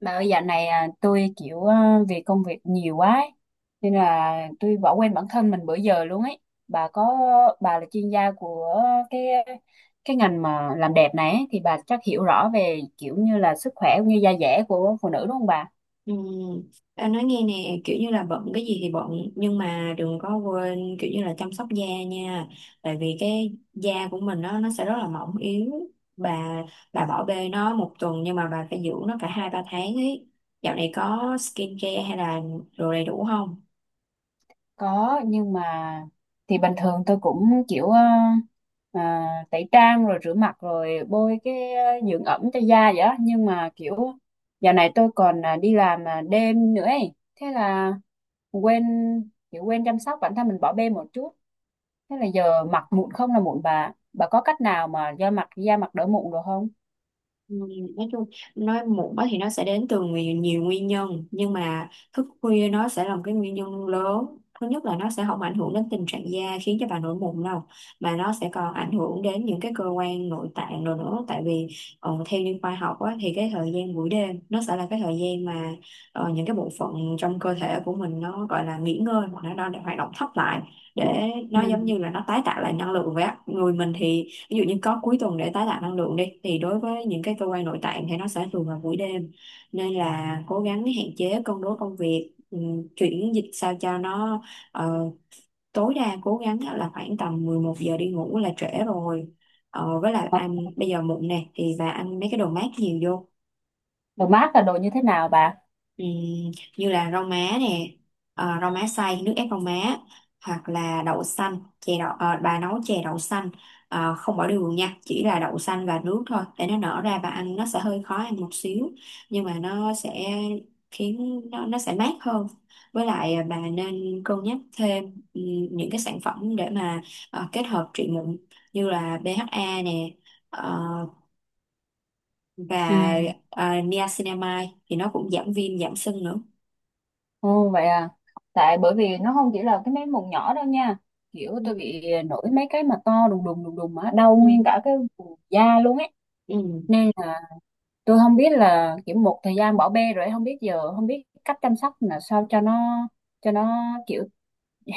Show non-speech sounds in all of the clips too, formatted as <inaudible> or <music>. Bà ơi, dạo này tôi vì công việc nhiều quá ấy, nên là tôi bỏ quên bản thân mình bữa giờ luôn ấy. Bà có bà là chuyên gia của cái cái ngành mà làm đẹp này ấy, thì bà chắc hiểu rõ về kiểu như là sức khỏe cũng như da dẻ của phụ nữ, đúng không bà? Ừ. Em nói nghe nè, kiểu như là bận cái gì thì bận, nhưng mà đừng có quên kiểu như là chăm sóc da nha. Tại vì cái da của mình nó sẽ rất là mỏng yếu. bà bà bỏ bê nó một tuần nhưng mà bà phải dưỡng nó cả hai ba tháng ấy. Dạo này có skin care hay là đồ đầy đủ không? Có, nhưng mà thì bình thường tôi cũng tẩy trang rồi rửa mặt rồi bôi dưỡng ẩm cho da vậy đó. Nhưng mà kiểu dạo này tôi còn đi làm đêm nữa ấy. Thế là quên, kiểu quên chăm sóc bản thân mình, bỏ bê một chút, thế là giờ mặt mụn không là mụn. Bà có cách nào mà do mặt, da mặt đỡ mụn được không? Ừ, nói chung, nói muộn á thì nó sẽ đến từ nhiều nguyên nhân, nhưng mà thức khuya nó sẽ là một cái nguyên nhân lớn. Thứ nhất là nó sẽ không ảnh hưởng đến tình trạng da khiến cho bà nổi mụn đâu, mà nó sẽ còn ảnh hưởng đến những cái cơ quan nội tạng rồi nữa. Tại vì theo như khoa học á, thì cái thời gian buổi đêm nó sẽ là cái thời gian mà những cái bộ phận trong cơ thể của mình nó gọi là nghỉ ngơi, hoặc là nó đang hoạt động thấp lại, để Ừ. nó giống như là nó tái tạo lại năng lượng vậy á. Người mình thì ví dụ như có cuối tuần để tái tạo năng lượng đi, thì đối với những cái cơ quan nội tạng thì nó sẽ thường là buổi đêm. Nên là cố gắng hạn chế, cân đối công việc, chuyển dịch sao cho nó ờ, tối đa cố gắng là khoảng tầm 11 giờ đi ngủ là trễ rồi. Ờ, với lại ăn bây giờ muộn nè thì bà ăn mấy cái đồ mát nhiều vô. Đồ mát là đồ như thế nào bà? Ừm, Như là rau má nè, rau má xay, nước ép rau má, hoặc là đậu xanh, chè đậu, bà nấu chè đậu xanh, không bỏ đường nha, chỉ là đậu xanh và nước thôi để nó nở ra, và ăn nó sẽ hơi khó ăn một xíu, nhưng mà nó sẽ khiến nó sẽ mát hơn. Với lại bà nên cân nhắc thêm ừm, những cái sản phẩm để mà kết hợp trị mụn, như là BHA nè, ờ, Ừ. và niacinamide, thì nó cũng giảm viêm giảm sưng nữa. Ồ, vậy à. Tại bởi vì nó không chỉ là cái mấy mụn nhỏ đâu nha. Kiểu tôi bị nổi mấy cái mà to đùng đùng đùng đùng mà đau Ừ. nguyên cả cái vùng da luôn ấy. Ừ. Nên là tôi không biết là kiểu một thời gian bỏ bê rồi ấy, không biết giờ, không biết cách chăm sóc là sao cho nó kiểu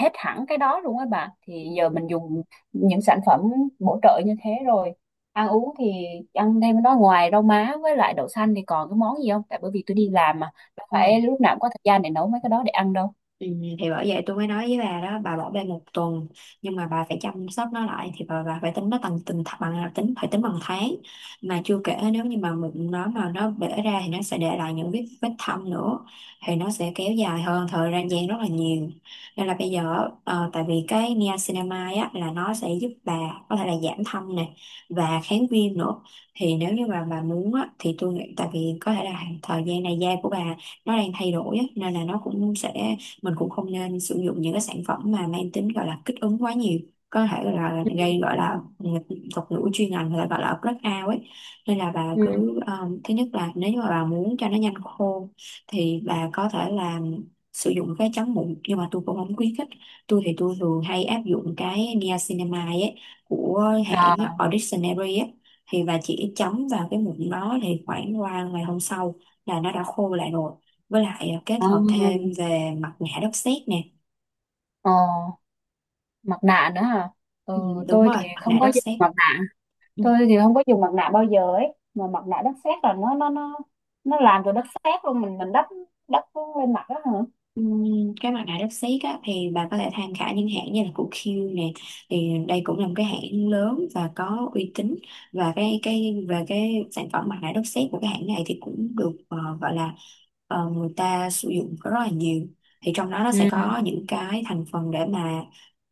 hết hẳn cái đó luôn á bà. Thì giờ Ừ. mình dùng những sản phẩm bổ trợ như thế rồi, ăn uống thì ăn thêm nó ngoài rau má với lại đậu xanh thì còn cái món gì không, tại bởi vì tôi Ừ. đi làm mà, đâu Ừ. phải lúc nào cũng có thời gian để nấu mấy cái đó để ăn đâu. Ừ. Thì bởi vậy tôi mới nói với bà đó, bà bỏ bê một tuần nhưng mà bà phải chăm sóc nó lại, thì bà phải tính nó bằng từng th- bằng à, tính phải tính bằng tháng. Mà chưa kể nếu như mà mụn nó mà nó bể ra thì nó sẽ để lại những vết vết thâm nữa, thì nó sẽ kéo dài hơn thời gian gian rất là nhiều. Nên là bây giờ, tại vì cái niacinamide á là nó sẽ giúp bà có thể là giảm thâm nè, và kháng viêm nữa. Thì nếu như mà bà muốn á thì tôi nghĩ, tại vì có thể là thời gian này da của bà nó đang thay đổi á, nên là nó cũng sẽ, mình cũng không nên sử dụng những cái sản phẩm mà mang tính gọi là kích ứng quá nhiều, có thể gọi là gây, gọi là thuật ngữ chuyên ngành là gọi là blackout ấy. Nên là bà Ừ. cứ thứ nhất là nếu như mà bà muốn cho nó nhanh khô thì bà có thể là sử dụng cái chắn mụn, nhưng mà tôi cũng không khuyến khích. Tôi thường hay áp dụng cái niacinamide ấy của à, hãng Ordinary ấy, thì bà chỉ chấm vào cái mụn đó thì khoảng qua ngày hôm sau là nó đã khô lại rồi. Với lại kết hợp à, thêm về mặt nạ đất sét nè. ờ, Mặt nạ nữa hả? Ừ, Ừ, Đúng tôi rồi, thì mặt nạ không có đất dùng sét. mặt nạ, Ừ. tôi thì không có dùng mặt nạ bao giờ ấy. Mà mặt nạ đất sét là nó nó làm từ đất sét luôn, mình đắp đắp lên mặt đó hả? Ừ, cái mặt nạ đất sét á, thì bà có thể tham khảo những hãng như là của Q nè, thì đây cũng là một cái hãng lớn và có uy tín. Và cái về cái sản phẩm mặt nạ đất sét của cái hãng này thì cũng được, gọi là, người ta sử dụng rất là nhiều. Thì trong đó nó sẽ Ừ. có những cái thành phần để mà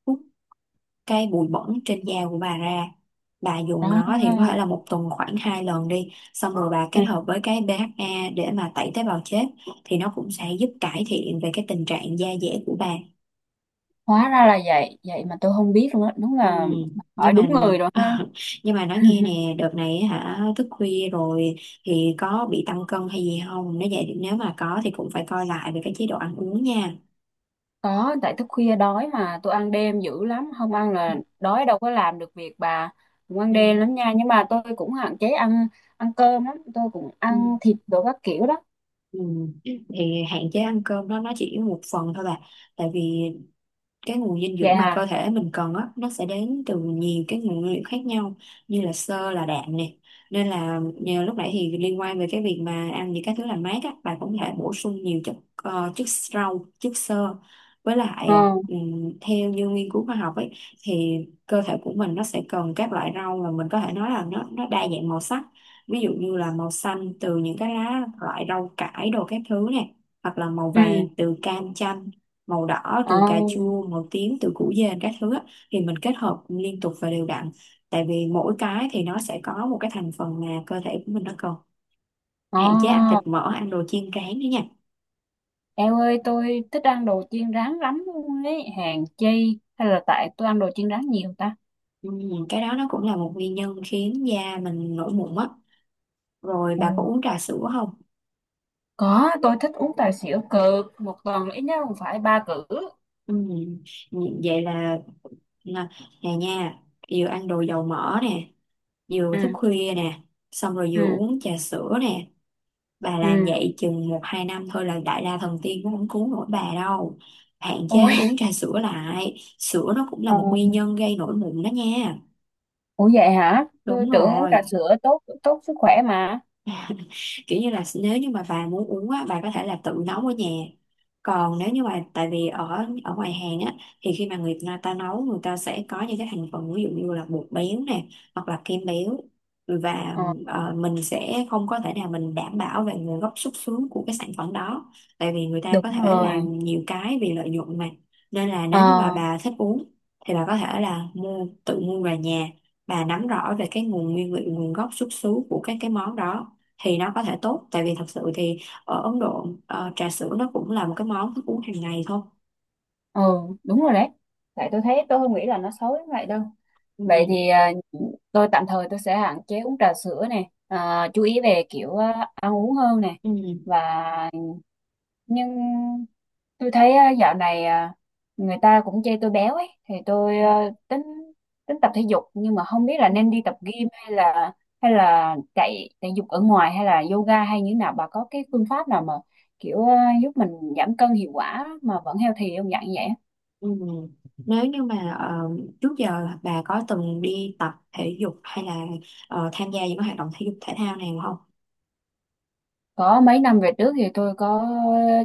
hút cái bụi bẩn trên da của bà ra. Bà dùng nó thì có thể là một tuần khoảng hai lần đi, xong rồi bà kết Đó. hợp với cái BHA để mà tẩy tế bào chết, thì nó cũng sẽ giúp cải thiện về cái tình trạng da dẻ của bà. Hóa ra là vậy vậy mà tôi không biết luôn á, đúng Ừ. là hỏi Nhưng đúng mà người rồi ha. <laughs> nhưng mà nói nghe <laughs> nè, đợt này á hả, thức khuya rồi thì có bị tăng cân hay gì không? Nếu vậy, nếu mà có thì cũng phải coi lại về cái chế độ ăn uống nha. Có, tại thức khuya đói mà, tôi ăn đêm dữ lắm, không ăn là đói đâu có làm được việc bà. Cũng ăn Ừ. đêm lắm nha, nhưng mà tôi cũng hạn chế ăn ăn cơm lắm, tôi cũng Ừ. ăn thịt đồ các kiểu đó. Ừ. Thì hạn chế ăn cơm đó, nó chỉ một phần thôi bà. Tại vì cái nguồn dinh Vậy dưỡng mà hả? cơ thể mình cần á, nó sẽ đến từ nhiều cái nguồn nguyên liệu khác nhau, như là xơ, là đạm nè. Nên là nhờ lúc nãy thì liên quan về cái việc mà ăn những cái thứ làm mát á, bạn cũng có thể bổ sung nhiều chất, chất rau, chất xơ. Với lại ờ theo như nghiên cứu khoa học ấy, thì cơ thể của mình nó sẽ cần các loại rau mà mình có thể nói là nó đa dạng màu sắc. Ví dụ như là màu xanh từ những cái lá, loại rau cải đồ các thứ nè, hoặc là màu ừ vàng từ cam chanh, màu đỏ ờ từ cà chua, màu tím từ củ dền các thứ á, thì mình kết hợp liên tục và đều đặn. Tại vì mỗi cái thì nó sẽ có một cái thành phần mà cơ thể của mình nó cần. Hạn chế ăn thịt ờ mỡ, ăn đồ chiên rán nữa nha. Eo ơi, tôi thích ăn đồ chiên rán lắm luôn ấy, hèn chi, hay là tại tôi ăn đồ chiên rán nhiều ta? ừ, cái đó nó cũng là một nguyên nhân khiến da mình nổi mụn á. Rồi ừ bà có uống trà sữa không? Có, tôi thích uống trà sữa cực, một tuần ít nhất cũng phải ba cữ. ừ, Vậy là, nè, nè nha, vừa ăn đồ dầu mỡ nè, vừa Ừ, thức khuya nè, xong rồi vừa ừ, uống trà sữa nè, bà làm ừ. vậy chừng một hai năm thôi là đại la thần tiên cũng không cứu nổi bà đâu. Hạn chế Ui. uống trà sữa lại, sữa nó cũng là ờ, một nguyên nhân gây nổi mụn đó nha. Ủa vậy hả? Tôi Đúng tưởng uống trà rồi, sữa tốt, tốt sức khỏe mà. kiểu như là nếu như mà bà muốn uống á, bà có thể là tự nấu ở nhà. Còn nếu như mà, tại vì ở ở ngoài hàng á, thì khi mà người ta nấu, người ta sẽ có những cái thành phần, ví dụ như là bột béo nè, hoặc là kem béo, và Ờ, mình sẽ không có thể nào mình đảm bảo về nguồn gốc xuất xứ của cái sản phẩm đó. Tại vì người ta đúng có thể rồi. làm nhiều cái vì lợi nhuận mà. Nên là nếu như Ờ, mà bà thích uống thì bà có thể là tự mua về nhà, bà nắm rõ về cái nguồn nguyên liệu, nguồn gốc xuất xứ của các cái món đó, thì nó có thể tốt. Tại vì thật sự thì ở Ấn Độ, trà sữa nó cũng là một cái món thức uống hàng ngày thôi. ờ, đúng rồi đấy. Tại tôi thấy, tôi không nghĩ là nó xấu như vậy đâu. Vậy Ừ. thì tôi tạm thời tôi sẽ hạn chế uống trà sữa nè, chú ý về ăn uống hơn nè. Ừ. Và, nhưng tôi thấy dạo này người ta cũng chê tôi béo ấy, thì tôi tính tính tập thể dục, nhưng mà không biết là nên đi tập gym hay là chạy thể dục ở ngoài hay là yoga hay như thế nào. Bà có cái phương pháp nào mà giúp mình giảm cân hiệu quả mà vẫn healthy không dạng vậy? Ừ. Nếu như mà trước giờ bà có từng đi tập thể dục hay là tham gia những cái hoạt động thể dục thể thao nào không? Có, mấy năm về trước thì tôi có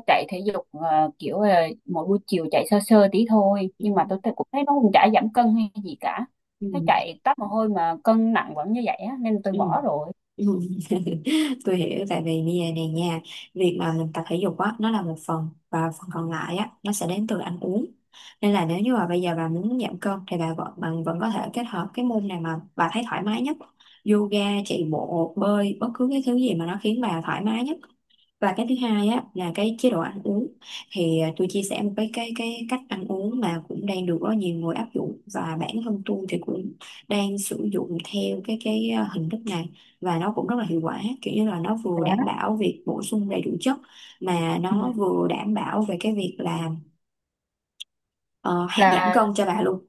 chạy thể dục kiểu là mỗi buổi chiều chạy sơ sơ tí thôi, Ừ. nhưng mà tôi cũng thấy nó cũng chả giảm cân hay gì cả, Ừ. thấy chạy tắt mồ hôi mà cân nặng vẫn như vậy á, nên tôi Ừ. bỏ rồi. Ừ. <laughs> Tôi hiểu, tại vì bây giờ này nha, việc mà mình tập thể dục á nó là một phần, và phần còn lại á nó sẽ đến từ ăn uống. Nên là nếu như mà bây giờ bà muốn giảm cân thì bà vẫn bạn vẫn có thể kết hợp cái môn này mà bà thấy thoải mái nhất, yoga, chạy bộ, bơi, bất cứ cái thứ gì mà nó khiến bà thoải mái nhất. Và cái thứ hai á là cái chế độ ăn uống. Thì tôi chia sẻ một cái cách ăn uống mà cũng đang được rất nhiều người áp dụng, và bản thân tôi thì cũng đang sử dụng theo hình thức này, và nó cũng rất là hiệu quả. Kiểu như là nó vừa đảm bảo việc bổ sung đầy đủ chất, mà Ừ. nó vừa đảm bảo về cái việc là ờ, hạ giảm Là, cân cho bà luôn.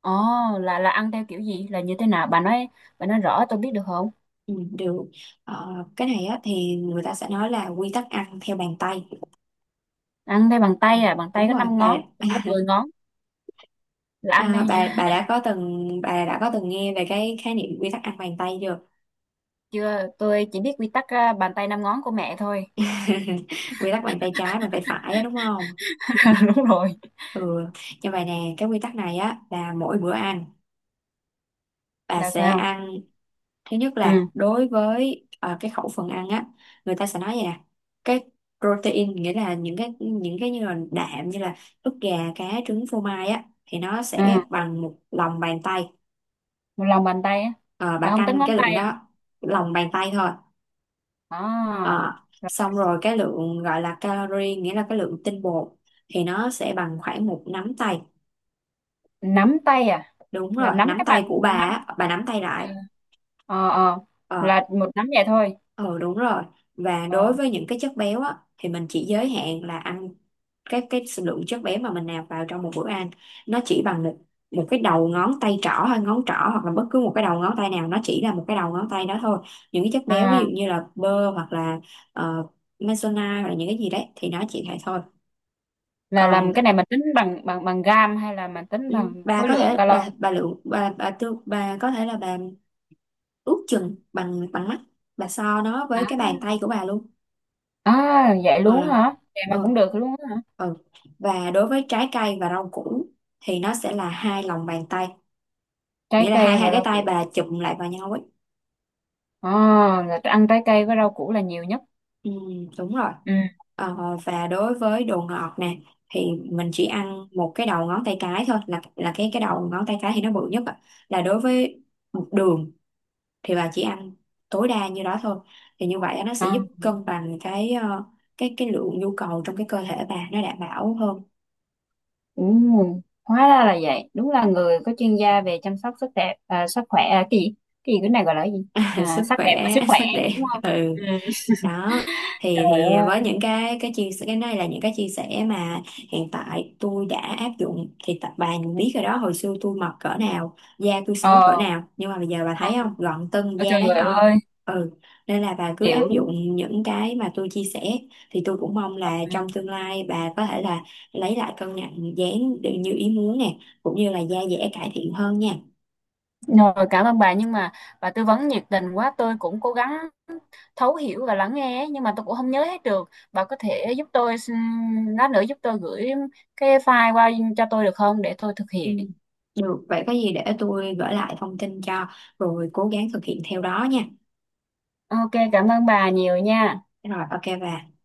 ồ, là ăn theo kiểu gì, là như thế nào bà nói rõ tôi biết được không? Ừ, Được. Ờ, cái này á, thì người ta sẽ nói là quy tắc ăn theo bàn tay. Ăn theo bằng tay à? Bàn Đúng tay có rồi 5 bà. ngón, tôi có <laughs> 10 ngón, là ăn theo à, bà nha? bà <laughs> đã có từng, bà đã có từng nghe về cái khái niệm quy tắc ăn bàn tay chưa? Chưa, tôi chỉ biết quy tắc bàn tay 5 ngón của mẹ thôi. <laughs> Quy tắc bàn tay trái, bàn tay phải á, đúng không? <laughs> Đúng rồi. Ừ. Như vậy nè, cái quy tắc này á là mỗi bữa ăn bà Là sẽ sao? ăn, thứ nhất là Ừ. đối với cái khẩu phần ăn á, người ta sẽ nói vậy nè, cái protein, nghĩa là những cái, những cái như là đạm, như là ức gà, cá, trứng, phô mai á, thì nó Ừ. sẽ bằng một lòng bàn tay. Một lòng bàn tay á? Ờ, Là bà không tính canh ngón cái lượng tay à? đó, lòng bàn tay thôi. À. Ờ, Là xong rồi cái lượng gọi là calorie, nghĩa là cái lượng tinh bột, thì nó sẽ bằng khoảng một nắm tay. nắm tay à? Đúng Là rồi, nắm, nắm các bạn tay của bà nắm? á, bà nắm tay à, lại. ờ ờ, Ờ, là một nắm vậy thôi? ừ đúng rồi. Và đối ờ với những cái chất béo á thì mình chỉ giới hạn là ăn cái lượng chất béo mà mình nạp vào trong một bữa ăn, nó chỉ bằng một cái đầu ngón tay trỏ, hay ngón trỏ, hoặc là bất cứ một cái đầu ngón tay nào, nó chỉ là một cái đầu ngón tay đó thôi. Những cái chất béo ví dụ À, như là bơ, hoặc là uh, maizena, hoặc là những cái gì đấy, thì nó chỉ vậy thôi. là còn làm cái này mình tính bằng, bằng gam hay là mình tính ừ, bằng bà khối có lượng thể calo? Bà lượng bà tương bà có thể là bà ước chừng bằng bằng mắt, bà so nó À, với cái bàn tay của bà luôn. à, vậy luôn Ờ, hả? Vậy mà ờ, cũng được luôn hả? ờ. Và đối với trái cây và rau củ thì nó sẽ là hai lòng bàn tay, Trái nghĩa là hai cây hai và cái rau tay củ? bà chụm lại vào nhau ấy. À, là ăn trái cây với rau củ là nhiều nhất? Ừ, đúng rồi. ừ Ờ, và đối với đồ ngọt nè, thì mình chỉ ăn một cái đầu ngón tay cái thôi, là cái đầu ngón tay cái thì nó bự nhất ạ. Là đối với đường thì bà chỉ ăn tối đa như đó thôi. Thì như vậy á, nó à, sẽ giúp cân bằng cái, cái lượng nhu cầu trong cái cơ thể bà nó đảm bảo hơn. ừ. Hóa ra là vậy, đúng là người có chuyên gia về chăm sóc sức đẹp, sức khỏe, cái gì, cái này gọi là cái gì? <laughs> Sức Sắc đẹp và khỏe, sức khỏe, sắc đẹp. đúng không? Ừ. Ừ. Đó, thì Trời thì với ơi. những cái chia sẻ cái này, là những cái chia sẻ mà hiện tại tôi đã áp dụng. Thì tập bà biết rồi đó, hồi xưa tôi mập cỡ nào, da tôi xấu cỡ Ờ, nào, nhưng mà bây giờ bà thấy không, không, gọn tưng, ờ, da trời đáng o. ơi, Ừ. Nên là bà cứ áp hiểu. dụng những cái mà tôi chia sẻ, thì tôi cũng mong là trong tương lai bà có thể là lấy lại cân nặng, dáng được như ý muốn nè, cũng như là da dẻ cải thiện hơn nha. Rồi, cảm ơn bà, nhưng mà bà tư vấn nhiệt tình quá, tôi cũng cố gắng thấu hiểu và lắng nghe ấy, nhưng mà tôi cũng không nhớ hết được. Bà có thể giúp tôi lát nữa giúp tôi gửi cái file qua cho tôi được không, để tôi thực Ừ. hiện. Được, vậy có gì để tôi gửi lại thông tin cho, rồi cố gắng thực hiện theo đó nha. Ok, cảm ơn bà nhiều nha. Rồi, ok về.